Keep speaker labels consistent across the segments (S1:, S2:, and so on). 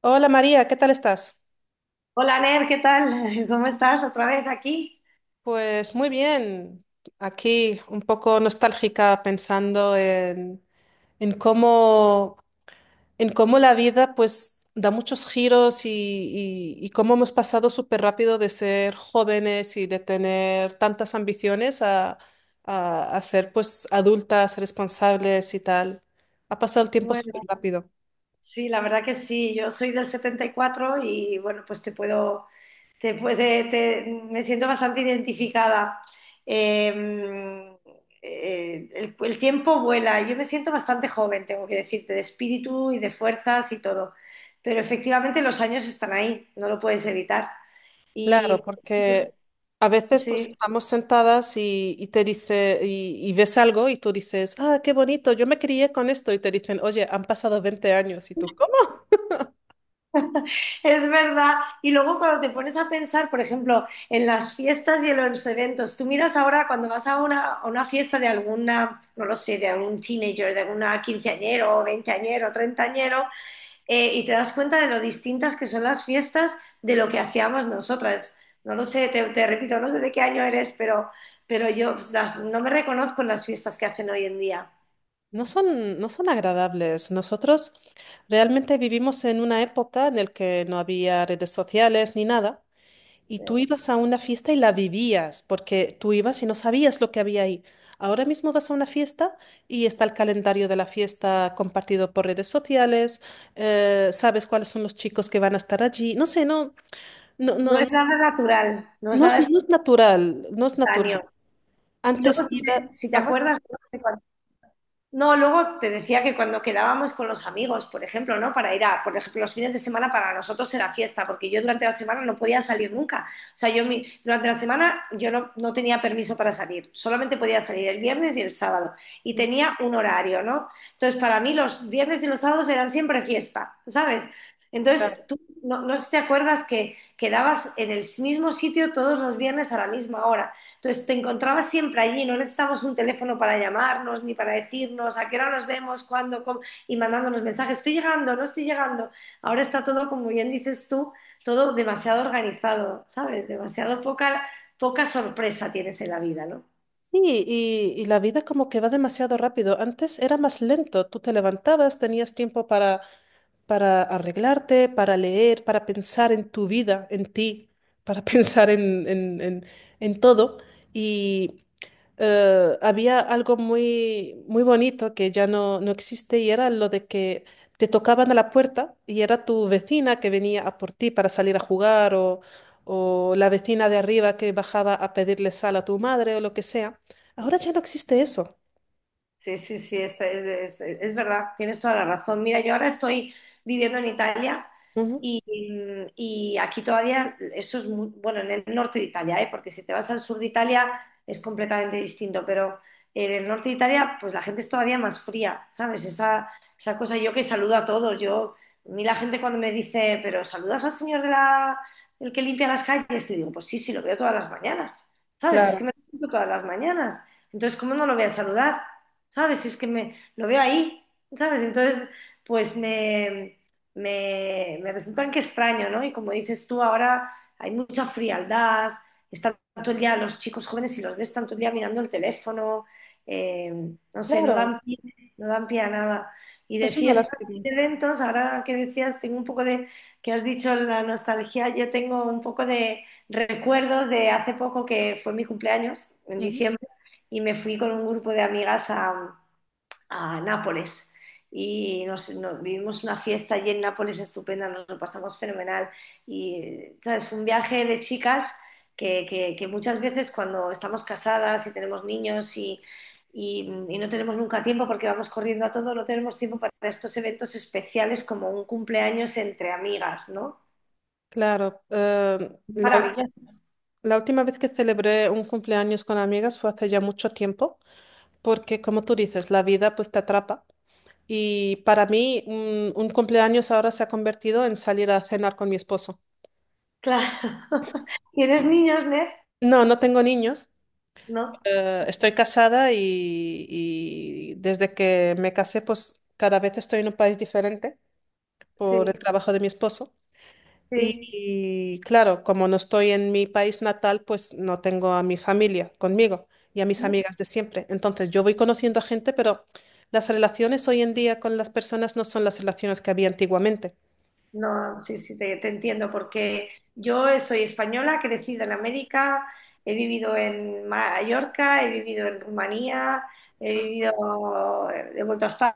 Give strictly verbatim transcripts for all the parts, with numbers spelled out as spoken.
S1: Hola María, ¿qué tal estás?
S2: Hola Ner, ¿qué tal? ¿Cómo estás otra vez aquí?
S1: Pues muy bien, aquí un poco nostálgica pensando en, en cómo, en cómo la vida pues da muchos giros y, y- y cómo hemos pasado súper rápido de ser jóvenes y de tener tantas ambiciones a, a, a ser pues adultas, responsables y tal. Ha pasado el tiempo súper
S2: Bueno,
S1: rápido.
S2: sí, la verdad que sí, yo soy del setenta y cuatro y cuatro y bueno, pues te puedo, te puede, te- me siento bastante identificada. Eh, eh, el, el tiempo vuela, yo me siento bastante joven, tengo que decirte, de espíritu y de fuerzas y todo, pero efectivamente los años están ahí, no lo puedes evitar. Y
S1: Claro, porque a veces pues
S2: sí.
S1: estamos sentadas y, y te dice y, y ves algo y tú dices, ah, qué bonito, yo me crié con esto y te dicen, oye, han pasado veinte años y tú, ¿cómo?
S2: Es verdad. Y luego cuando te pones a pensar, por ejemplo, en las fiestas y en los eventos, tú miras ahora cuando vas a una, a una fiesta de alguna, no lo sé, de algún teenager, de algún quinceañero, veinteañero, treintañero, eh, y te das cuenta de lo distintas que son las fiestas de lo que hacíamos nosotras. No lo sé, te, te repito, no sé de qué año eres, pero, pero yo pues, las- no me reconozco en las fiestas que hacen hoy en día.
S1: No son, no son agradables. Nosotros realmente vivimos en una época en la que no había redes sociales ni nada. Y tú ibas a una fiesta y la vivías, porque tú ibas y no sabías lo que había ahí. Ahora mismo vas a una fiesta y está el calendario de la fiesta compartido por redes sociales, eh, sabes cuáles son los chicos que van a estar allí. No sé, no, no,
S2: No
S1: no,
S2: es nada natural, no es
S1: no es,
S2: nada
S1: no es natural, no es
S2: espontáneo.
S1: natural.
S2: Y
S1: Antes
S2: luego, si te,
S1: iba,
S2: si te
S1: ajá,
S2: acuerdas, ¿no? No, luego te decía que cuando quedábamos con los amigos, por ejemplo, ¿no? Para ir a, por ejemplo, los fines de semana para nosotros era fiesta, porque yo durante la semana no podía salir nunca. O sea, yo mi- durante la semana yo no, no tenía permiso para salir, solamente podía salir el viernes y el sábado. Y tenía un horario, ¿no? Entonces, para mí los viernes y los sábados eran siempre fiesta, ¿sabes? Entonces,
S1: claro.
S2: tú no, no sé si te acuerdas que quedabas en el mismo sitio todos los viernes a la misma hora. Entonces te encontrabas siempre allí, no necesitábamos un teléfono para llamarnos ni para decirnos a qué hora nos vemos, cuándo, cómo, y mandándonos mensajes, estoy llegando, no estoy llegando. Ahora está todo, como bien dices tú, todo demasiado organizado, ¿sabes? Demasiado poca, poca sorpresa tienes en la vida, ¿no?
S1: Sí, y, y la vida como que va demasiado rápido. Antes era más lento. Tú te levantabas, tenías tiempo para para arreglarte, para leer, para pensar en tu vida, en ti, para pensar en, en, en- en todo. Y eh, había algo muy, muy bonito que ya no, no existe y era lo de que te tocaban a la puerta y era tu vecina que venía a por ti para salir a jugar o, o la vecina de arriba que bajaba a pedirle sal a tu madre o lo que sea. Ahora ya no existe eso.
S2: Sí, sí, sí, esta- es, es- es verdad, tienes toda la razón. Mira, yo ahora estoy viviendo en Italia
S1: Ujú.
S2: y, y aquí todavía, eso es muy, bueno, en el norte de Italia, ¿eh? Porque si te vas al sur de Italia es completamente distinto, pero en el norte de Italia, pues la gente es todavía más fría, ¿sabes? Esa, esa cosa, yo que saludo a todos, yo, a mí la gente cuando me dice, pero ¿saludas al señor de la, el que limpia las calles? Y digo, pues sí, sí, lo veo todas las mañanas, ¿sabes? Es
S1: Claro,
S2: que me lo encuentro todas las mañanas, entonces, ¿cómo no lo voy a saludar? ¿Sabes? Si es que me lo veo ahí, ¿sabes? Entonces, pues me, me, me resultan que extraño, ¿no? Y como dices tú, ahora hay mucha frialdad, están todo el día los chicos jóvenes, si los ves tanto el día mirando el teléfono, eh, no sé, no
S1: claro,
S2: dan pie, no dan pie a nada. Y de
S1: es una
S2: fiestas y
S1: lástima.
S2: de eventos, ahora que decías, tengo un poco de, que has dicho la nostalgia, yo tengo un poco de recuerdos de hace poco que fue mi cumpleaños, en
S1: Ujú.
S2: diciembre, y me fui con un grupo de amigas a, a Nápoles y nos, nos- vivimos una fiesta allí en Nápoles estupenda, nos lo pasamos fenomenal y, ¿sabes? Fue un viaje de chicas que, que- que muchas veces cuando estamos casadas y tenemos niños y, y- y no tenemos nunca tiempo porque vamos corriendo a todo, no tenemos tiempo para estos eventos especiales como un cumpleaños entre amigas, ¿no?
S1: Claro, eh, la, ul-
S2: Maravilloso,
S1: la última vez que celebré un cumpleaños con amigas fue hace ya mucho tiempo, porque como tú dices, la vida pues te atrapa. Y para mí un, un cumpleaños ahora se ha convertido en salir a cenar con mi esposo.
S2: claro. ¿Tienes niños, Ned?
S1: No, no tengo niños,
S2: No,
S1: eh, estoy casada y, y desde que me casé pues cada vez estoy en un país diferente por el
S2: sí,
S1: trabajo de mi esposo. Y,
S2: sí.
S1: y, claro, como no estoy en mi país natal, pues no tengo a mi familia conmigo y a mis amigas de siempre. Entonces yo voy conociendo a gente, pero las relaciones hoy en día con las personas no son las relaciones que había antiguamente.
S2: No, sí, sí, te, te entiendo, porque yo soy española, crecida en América, he vivido en Mallorca, he vivido en Rumanía, he vivido, he vuelto a España,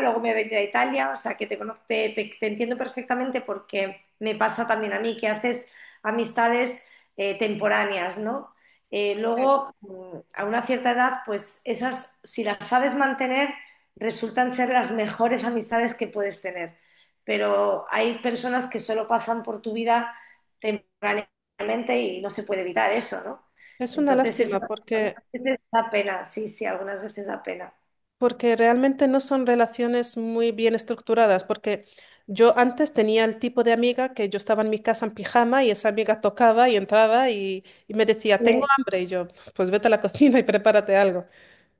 S2: luego me he venido a Italia, o sea que te conozco, te, te- te entiendo perfectamente porque me pasa también a mí que haces amistades eh, temporáneas, ¿no? Eh,
S1: Sí.
S2: luego, mm, a una cierta edad, pues esas, si las sabes mantener, resultan ser las mejores amistades que puedes tener, pero hay personas que solo pasan por tu vida temporalmente y no se puede evitar eso, ¿no?
S1: Es una
S2: Entonces, eso
S1: lástima
S2: algunas
S1: porque
S2: veces da pena, sí, sí, algunas veces da pena.
S1: porque realmente no son relaciones muy bien estructuradas, porque yo antes tenía el tipo de amiga que yo estaba en mi casa en pijama y esa amiga tocaba y entraba y, y me decía, tengo
S2: Eh,
S1: hambre, y yo, pues vete a la cocina y prepárate algo.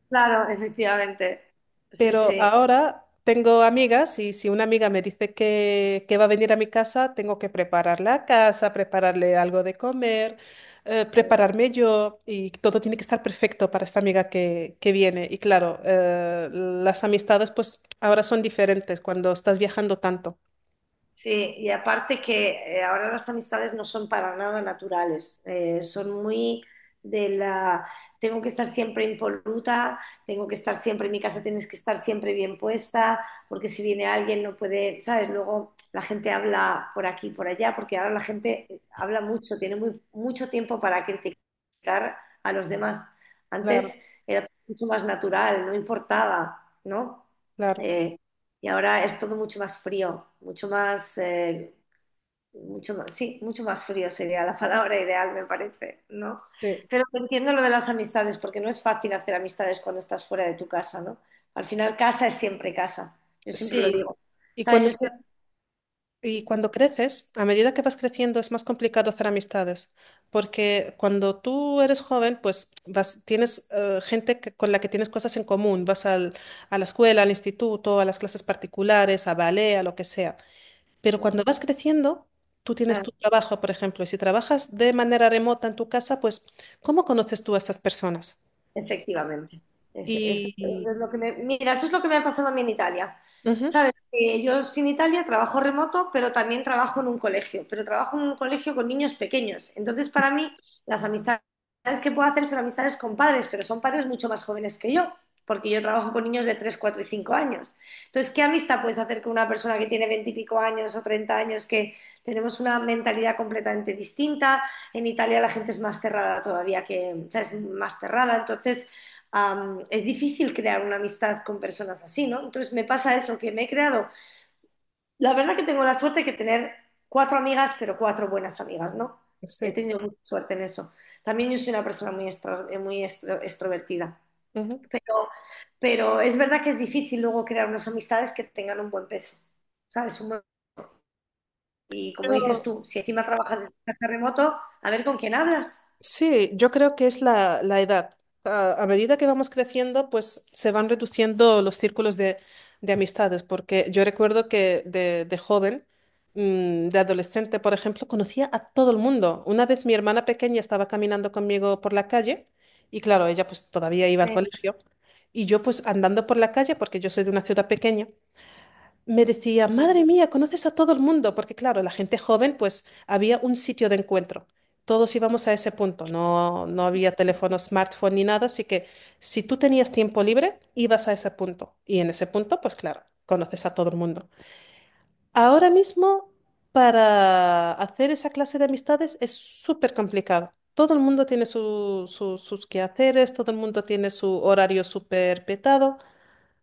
S2: claro, efectivamente. Sí,
S1: Pero
S2: sí.
S1: ahora tengo amigas y si una amiga me dice que, que va a venir a mi casa, tengo que preparar la casa, prepararle algo de comer, eh, prepararme yo y todo tiene que estar perfecto para esta amiga que, que viene. Y claro, eh, las amistades pues ahora son diferentes cuando estás viajando tanto.
S2: Sí, y aparte que eh, ahora las amistades no son para nada naturales. Eh, son muy de la, tengo que estar siempre impoluta, tengo que estar siempre en mi casa, tienes que estar siempre bien puesta, porque si viene alguien no puede, ¿sabes? Luego la gente habla por aquí, por allá, porque ahora la gente habla mucho, tiene muy, mucho tiempo para criticar a los demás.
S1: Claro,
S2: Antes era mucho más natural, no importaba, ¿no?
S1: claro.
S2: Eh, y ahora es todo mucho más frío, mucho más, eh, mucho más, sí, mucho más frío sería la palabra ideal, me parece, ¿no?
S1: Sí.
S2: Pero entiendo lo de las amistades, porque no es fácil hacer amistades cuando estás fuera de tu casa, ¿no? Al final, casa es siempre casa, yo siempre lo
S1: Sí,
S2: digo. O
S1: y
S2: sea, yo
S1: cuando... Y cuando creces, a medida que vas creciendo, es más complicado hacer amistades, porque cuando tú eres joven, pues vas, tienes eh, gente que- con la que tienes cosas en común, vas al- a la escuela, al instituto, a las clases particulares, a ballet, a lo que sea. Pero cuando vas creciendo, tú tienes
S2: sé-
S1: tu trabajo, por ejemplo, y si trabajas de manera remota en tu casa, pues ¿cómo conoces tú a esas personas?
S2: Efectivamente. Es- es-
S1: Y...
S2: eso es lo que me, mira, eso es lo que me ha pasado a mí en Italia.
S1: Ujú,
S2: Sabes que yo estoy en Italia, trabajo remoto, pero también trabajo en un colegio, pero trabajo en un colegio con niños pequeños. Entonces, para mí, las amistades que puedo hacer son amistades con padres, pero son padres mucho más jóvenes que yo, porque yo trabajo con niños de tres cuatro y cinco años. Entonces, ¿qué amistad puedes hacer con una persona que tiene veinte y pico años o treinta años, que tenemos una mentalidad completamente distinta? En Italia la gente es más cerrada todavía que, o sea, es más cerrada, entonces um, es difícil crear una amistad con personas así, ¿no? Entonces me pasa eso, que me he creado, la verdad que tengo la suerte de tener cuatro amigas, pero cuatro buenas amigas, ¿no? He
S1: sí.
S2: tenido mucha suerte en eso. También yo soy una persona muy, extro, muy extro, extrovertida,
S1: Ujú.
S2: pero, pero es verdad que es difícil luego crear unas amistades que tengan un buen peso, ¿sabes? Un buen- y como dices
S1: Pero
S2: tú, si encima trabajas desde casa remoto, a ver con quién hablas.
S1: sí, yo creo que es la, la edad. A, a medida que vamos creciendo, pues se van reduciendo los círculos de, de amistades, porque yo recuerdo que de, de joven, mm, de adolescente, por ejemplo, conocía a todo el mundo. Una vez mi hermana pequeña estaba caminando conmigo por la calle y claro, ella pues todavía iba al
S2: Sí,
S1: colegio y yo pues andando por la calle, porque yo soy de una ciudad pequeña me decía,
S2: sí.
S1: madre mía, conoces a todo el mundo, porque claro, la gente joven, pues había un sitio de encuentro. Todos íbamos a ese punto, no, no había teléfono, smartphone ni nada, así que si tú tenías tiempo libre, ibas a ese punto. Y en ese punto, pues claro, conoces a todo el mundo. Ahora mismo, para hacer esa clase de amistades es súper complicado. Todo el mundo tiene su- su- sus quehaceres, todo el mundo tiene su horario súper petado.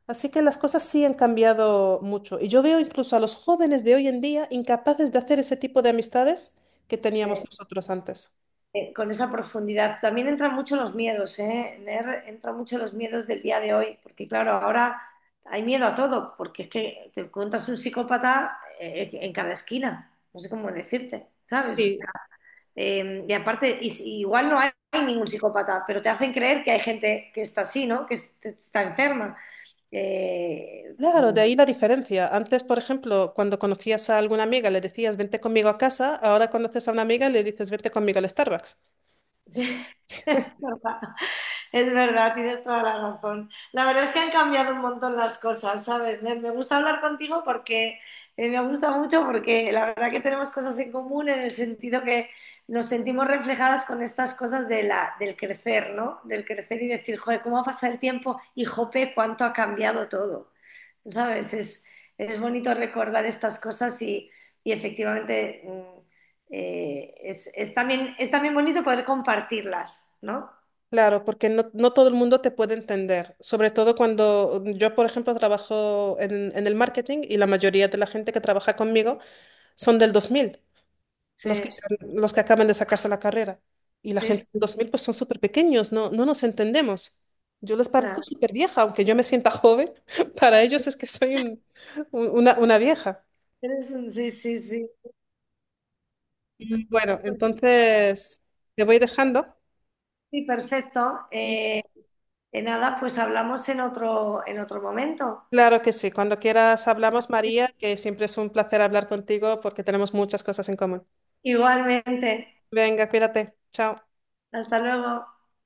S1: Así que las cosas sí han cambiado mucho. Y yo veo incluso a los jóvenes de hoy en día incapaces de hacer ese tipo de amistades que teníamos
S2: eh,
S1: nosotros antes.
S2: eh, con esa profundidad. También entran mucho los miedos, ¿eh? Ner, entran mucho los miedos del día de hoy, porque claro, ahora hay miedo a todo, porque es que te encuentras un psicópata eh, en cada esquina, no sé cómo decirte, ¿sabes? O
S1: Sí,
S2: sea, eh, y aparte, y si- igual no hay, ningún psicópata, pero te hacen creer que hay gente que está así, ¿no? Que es- está enferma. Eh,
S1: claro, de
S2: mm,
S1: ahí la diferencia. Antes, por ejemplo, cuando conocías a alguna amiga, le decías, vente conmigo a casa. Ahora conoces a una amiga y le dices, vente conmigo al Starbucks.
S2: sí. Es verdad. Es verdad, tienes toda la razón. La verdad es que han cambiado un montón las cosas, ¿sabes? Me, me gusta hablar contigo porque eh, me gusta mucho porque la verdad que tenemos cosas en común en el sentido que nos sentimos reflejadas con estas cosas de la, del crecer, ¿no? Del crecer y decir, joder, ¿cómo ha pasado el tiempo? Y jope, cuánto ha cambiado todo. ¿Sabes? Es, es bonito recordar estas cosas y, y efectivamente, mm, eh, es, es también, es también bonito poder compartirlas, ¿no?
S1: Claro, porque no, no todo el mundo te puede entender. Sobre todo cuando yo, por ejemplo, trabajo en, en el marketing y la mayoría de la gente que trabaja conmigo son del dos mil.
S2: Sí.
S1: Los que, se los que acaban de sacarse la carrera. Y la
S2: Sí,
S1: gente de
S2: sí,
S1: dos mil pues son súper pequeños, no, no nos entendemos. Yo les parezco
S2: claro.
S1: súper vieja, aunque yo me sienta joven, para ellos es que soy un- un- una, una vieja.
S2: Eres un- Sí, sí, sí.
S1: Mm, Bueno,
S2: Pues
S1: entonces te voy dejando.
S2: sí, perfecto.
S1: Y y
S2: Eh, eh, nada, pues hablamos en otro, en otro momento.
S1: claro que sí, cuando quieras hablamos, María, que siempre es un placer hablar contigo porque tenemos muchas cosas en común.
S2: Igualmente.
S1: Venga, cuídate. Chao.
S2: Hasta luego.